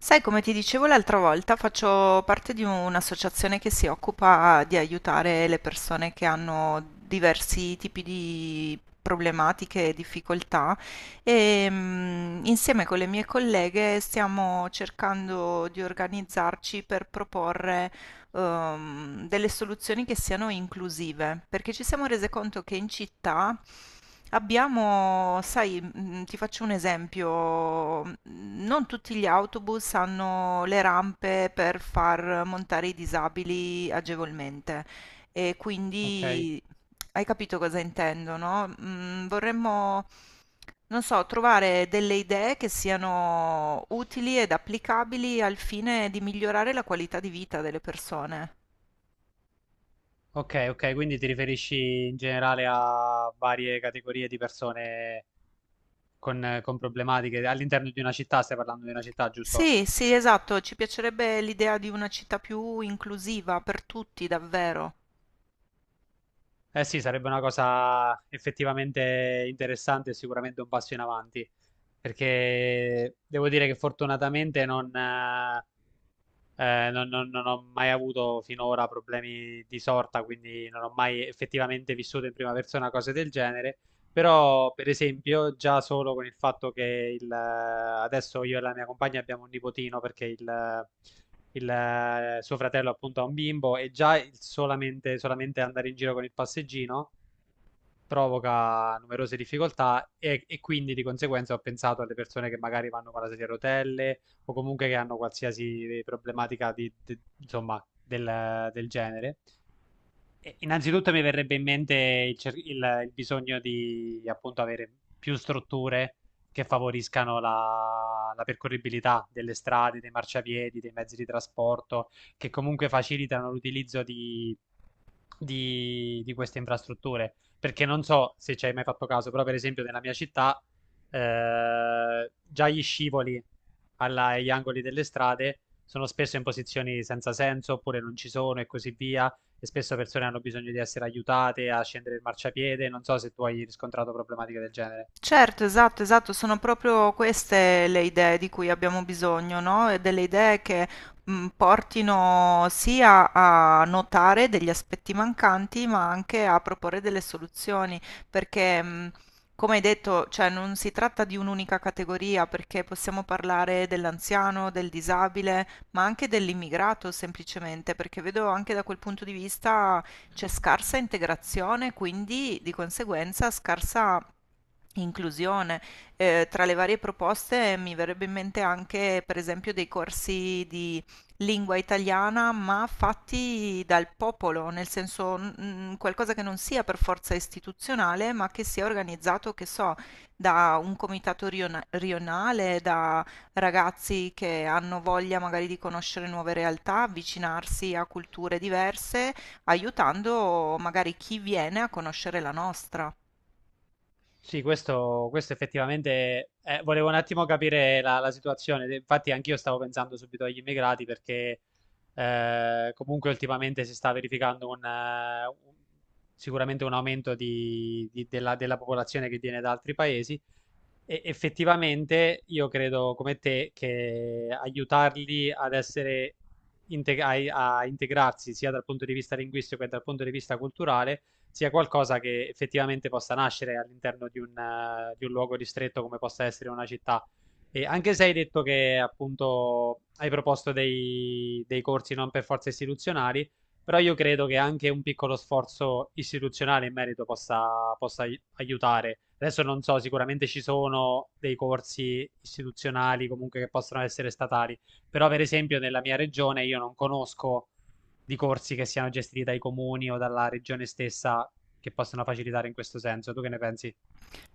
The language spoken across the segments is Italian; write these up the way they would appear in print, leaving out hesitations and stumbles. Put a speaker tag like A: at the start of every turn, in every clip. A: Sai, come ti dicevo l'altra volta, faccio parte di un'associazione che si occupa di aiutare le persone che hanno diversi tipi di problematiche e difficoltà e insieme con le mie colleghe stiamo cercando di organizzarci per proporre delle soluzioni che siano inclusive, perché ci siamo rese conto che in città abbiamo, sai, ti faccio un esempio, non tutti gli autobus hanno le rampe per far montare i disabili agevolmente. E
B: Ok,
A: quindi hai capito cosa intendo, no? Vorremmo, non so, trovare delle idee che siano utili ed applicabili al fine di migliorare la qualità di vita delle persone.
B: ok, quindi ti riferisci in generale a varie categorie di persone con problematiche all'interno di una città, stai parlando di una città, giusto?
A: Sì, sì, esatto, ci piacerebbe l'idea di una città più inclusiva per tutti, davvero.
B: Eh sì, sarebbe una cosa effettivamente interessante e sicuramente un passo in avanti, perché devo dire che fortunatamente non ho mai avuto finora problemi di sorta, quindi non ho mai effettivamente vissuto in prima persona cose del genere. Però, per esempio, già solo con il fatto che adesso io e la mia compagna abbiamo un nipotino perché suo fratello appunto ha un bimbo e già il solamente andare in giro con il passeggino provoca numerose difficoltà e quindi di conseguenza ho pensato alle persone che magari vanno con la sedia a rotelle o comunque che hanno qualsiasi problematica insomma, del genere. E innanzitutto mi verrebbe in mente il bisogno di appunto avere più strutture che favoriscano la percorribilità delle strade, dei marciapiedi, dei mezzi di trasporto, che comunque facilitano l'utilizzo di queste infrastrutture. Perché non so se ci hai mai fatto caso, però per esempio nella mia città già gli scivoli agli angoli delle strade sono spesso in posizioni senza senso oppure non ci sono e così via e spesso persone hanno bisogno di essere aiutate a scendere il marciapiede. Non so se tu hai riscontrato problematiche del genere.
A: Certo, esatto, esatto, sono proprio queste le idee di cui abbiamo bisogno, no? E delle idee che portino sia a notare degli aspetti mancanti, ma anche a proporre delle soluzioni, perché come hai detto, cioè non si tratta di un'unica categoria, perché possiamo parlare dell'anziano, del disabile, ma anche dell'immigrato semplicemente, perché vedo anche da quel punto di vista c'è scarsa integrazione, quindi di conseguenza scarsa inclusione. Tra le varie proposte mi verrebbe in mente anche, per esempio, dei corsi di lingua italiana, ma fatti dal popolo, nel senso qualcosa che non sia per forza istituzionale, ma che sia organizzato, che so, da un rionale, da ragazzi che hanno voglia magari di conoscere nuove realtà, avvicinarsi a culture diverse aiutando magari chi viene a conoscere la nostra.
B: Sì, questo effettivamente volevo un attimo capire la situazione. Infatti, anch'io stavo pensando subito agli immigrati perché comunque ultimamente si sta verificando sicuramente un aumento della popolazione che viene da altri paesi. E effettivamente io credo come te che aiutarli ad essere a integrarsi sia dal punto di vista linguistico che dal punto di vista culturale sia qualcosa che effettivamente possa nascere all'interno di di un luogo ristretto come possa essere una città. E anche se hai detto che appunto hai proposto dei corsi non per forza istituzionali, però io credo che anche un piccolo sforzo istituzionale in merito possa aiutare. Adesso non so, sicuramente ci sono dei corsi istituzionali comunque che possono essere statali, però per esempio nella mia regione io non conosco di corsi che siano gestiti dai comuni o dalla regione stessa che possono facilitare in questo senso. Tu che ne pensi?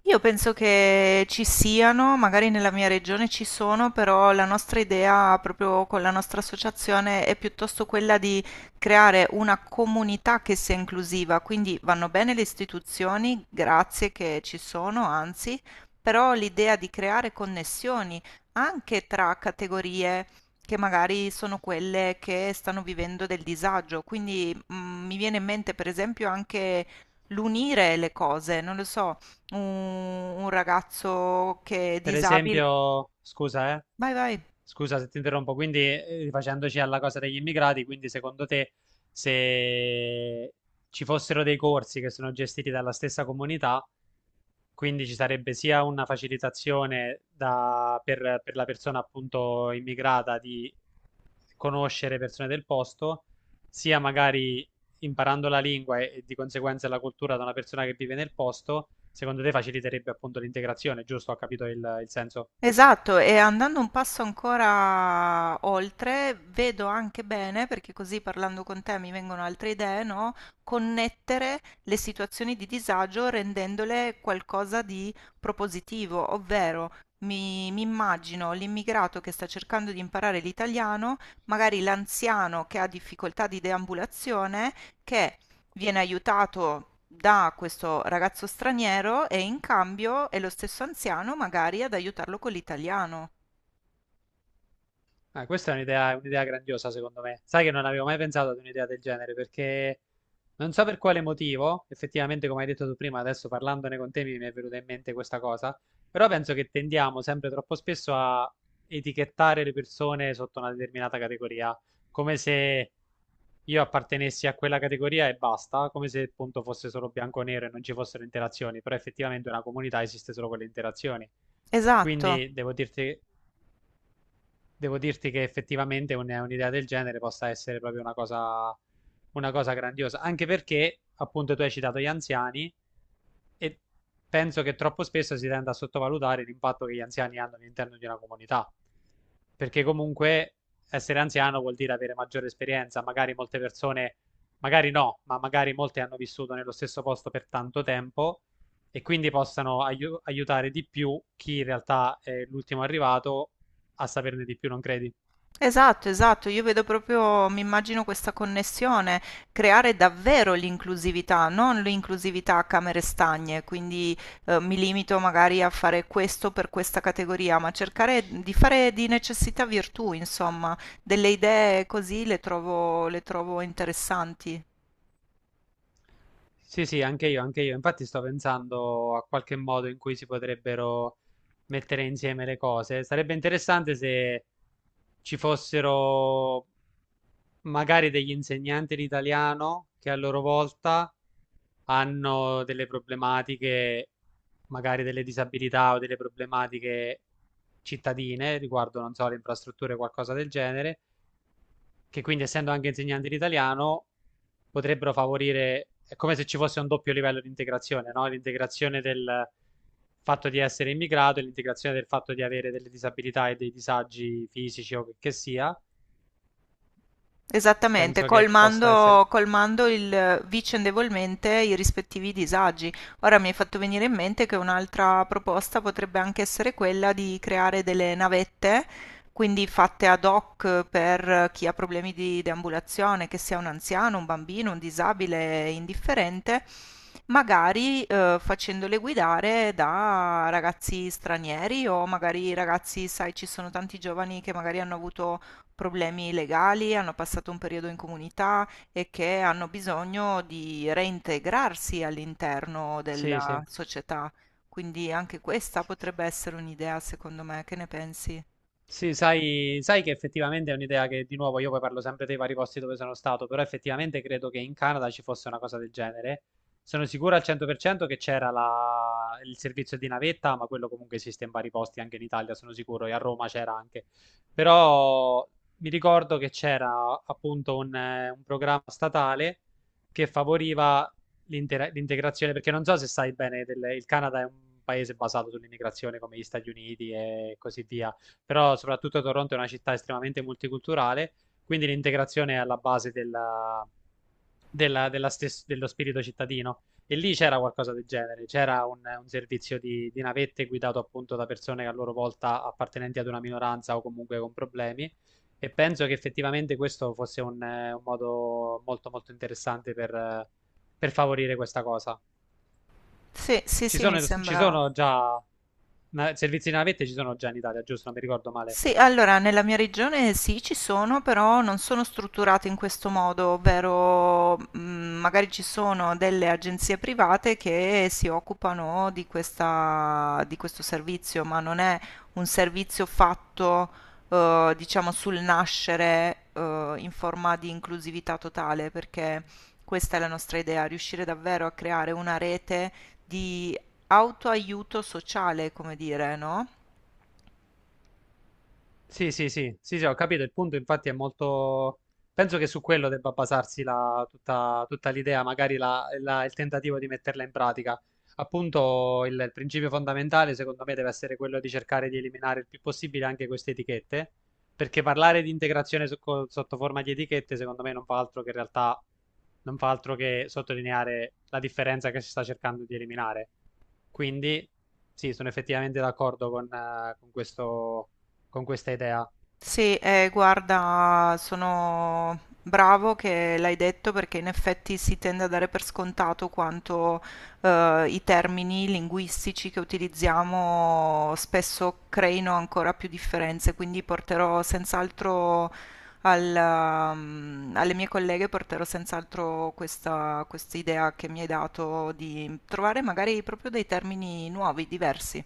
A: Io penso che ci siano, magari nella mia regione ci sono, però la nostra idea proprio con la nostra associazione è piuttosto quella di creare una comunità che sia inclusiva, quindi vanno bene le istituzioni, grazie che ci sono, anzi, però l'idea di creare connessioni anche tra categorie che magari sono quelle che stanno vivendo del disagio, quindi mi viene in mente per esempio anche l'unire le cose, non lo so un ragazzo che è
B: Per
A: disabile.
B: esempio, scusa,
A: Vai, vai.
B: scusa se ti interrompo, quindi rifacendoci alla cosa degli immigrati, quindi secondo te se ci fossero dei corsi che sono gestiti dalla stessa comunità, quindi ci sarebbe sia una facilitazione per la persona appunto immigrata di conoscere persone del posto, sia magari imparando la lingua e di conseguenza la cultura da una persona che vive nel posto, secondo te faciliterebbe appunto l'integrazione, giusto? Ho capito il senso?
A: Esatto, e andando un passo ancora oltre, vedo anche bene, perché così parlando con te mi vengono altre idee, no? Connettere le situazioni di disagio rendendole qualcosa di propositivo, ovvero mi immagino l'immigrato che sta cercando di imparare l'italiano, magari l'anziano che ha difficoltà di deambulazione, che viene aiutato da questo ragazzo straniero e in cambio è lo stesso anziano magari ad aiutarlo con l'italiano.
B: Ah, questa è un'idea grandiosa, secondo me. Sai che non avevo mai pensato ad un'idea del genere, perché non so per quale motivo, effettivamente, come hai detto tu prima, adesso parlandone con te mi è venuta in mente questa cosa, però penso che tendiamo sempre troppo spesso a etichettare le persone sotto una determinata categoria, come se io appartenessi a quella categoria e basta, come se appunto fosse solo bianco o nero e non ci fossero interazioni, però effettivamente una comunità esiste solo con le interazioni.
A: Esatto.
B: Quindi devo dirti che effettivamente un'idea del genere possa essere proprio una cosa grandiosa, anche perché appunto tu hai citato gli anziani e penso che troppo spesso si tenda a sottovalutare l'impatto che gli anziani hanno all'interno di una comunità, perché comunque essere anziano vuol dire avere maggiore esperienza, magari molte persone, magari no, ma magari molte hanno vissuto nello stesso posto per tanto tempo e quindi possano aiutare di più chi in realtà è l'ultimo arrivato a saperne di più, non credi?
A: Esatto, esatto, io vedo proprio, mi immagino questa connessione, creare davvero l'inclusività, non l'inclusività a camere stagne, quindi mi limito magari a fare questo per questa categoria, ma cercare di fare di necessità virtù, insomma, delle idee così le trovo interessanti.
B: Sì, sì, anche io, anche io. Infatti sto pensando a qualche modo in cui si potrebbero mettere insieme le cose. Sarebbe interessante se ci fossero magari degli insegnanti di italiano che a loro volta hanno delle problematiche, magari delle disabilità o delle problematiche cittadine riguardo, non so, le infrastrutture o qualcosa del genere, che quindi essendo anche insegnanti di italiano potrebbero favorire, è come se ci fosse un doppio livello di integrazione, no? L'integrazione del fatto di essere immigrato e l'integrazione del fatto di avere delle disabilità e dei disagi fisici o che sia.
A: Esattamente,
B: Penso che possa essere...
A: colmando, colmando il, vicendevolmente i rispettivi disagi. Ora mi hai fatto venire in mente che un'altra proposta potrebbe anche essere quella di creare delle navette, quindi fatte ad hoc per chi ha problemi di deambulazione, che sia un anziano, un bambino, un disabile, indifferente, magari facendole guidare da ragazzi stranieri o magari ragazzi, sai, ci sono tanti giovani che magari hanno avuto problemi legali, hanno passato un periodo in comunità e che hanno bisogno di reintegrarsi all'interno
B: Sì,
A: della
B: sì.
A: società. Quindi anche questa potrebbe essere un'idea, secondo me, che ne pensi?
B: Sì, sai che effettivamente è un'idea che di nuovo io poi parlo sempre dei vari posti dove sono stato, però effettivamente credo che in Canada ci fosse una cosa del genere. Sono sicuro al 100% che c'era il servizio di navetta, ma quello comunque esiste in vari posti anche in Italia, sono sicuro, e a Roma c'era anche. Però mi ricordo che c'era appunto un programma statale che favoriva l'integrazione, perché non so se sai bene, il Canada è un paese basato sull'immigrazione come gli Stati Uniti e così via, però soprattutto Toronto è una città estremamente multiculturale, quindi l'integrazione è alla base dello spirito cittadino. E lì c'era qualcosa del genere, c'era un servizio di navette guidato appunto da persone che a loro volta appartenenti ad una minoranza o comunque con problemi. E penso che effettivamente questo fosse un modo molto molto interessante per favorire questa cosa.
A: Sì, sì, sì, mi
B: Ci
A: sembra.
B: sono già servizi di navette, ci sono già in Italia, giusto? Non mi ricordo male.
A: Sì, allora nella mia regione sì, ci sono, però non sono strutturate in questo modo, ovvero magari ci sono delle agenzie private che si occupano di di questo servizio, ma non è un servizio fatto, diciamo, sul nascere, in forma di inclusività totale, perché questa è la nostra idea, riuscire davvero a creare una rete di autoaiuto sociale, come dire, no?
B: Sì, sì, sì, sì, sì, ho capito. Il punto, infatti, è molto. Penso che su quello debba basarsi tutta l'idea, magari il tentativo di metterla in pratica. Appunto, il principio fondamentale, secondo me, deve essere quello di cercare di eliminare il più possibile anche queste etichette, perché parlare di integrazione sotto forma di etichette, secondo me, non fa altro che in realtà non fa altro che sottolineare la differenza che si sta cercando di eliminare. Quindi, sì, sono effettivamente d'accordo con questo con questa idea.
A: Sì, guarda, sono bravo che l'hai detto perché in effetti si tende a dare per scontato quanto i termini linguistici che utilizziamo spesso creino ancora più differenze, quindi porterò senz'altro al, alle mie colleghe porterò senz'altro questa, questa idea che mi hai dato di trovare magari proprio dei termini nuovi, diversi.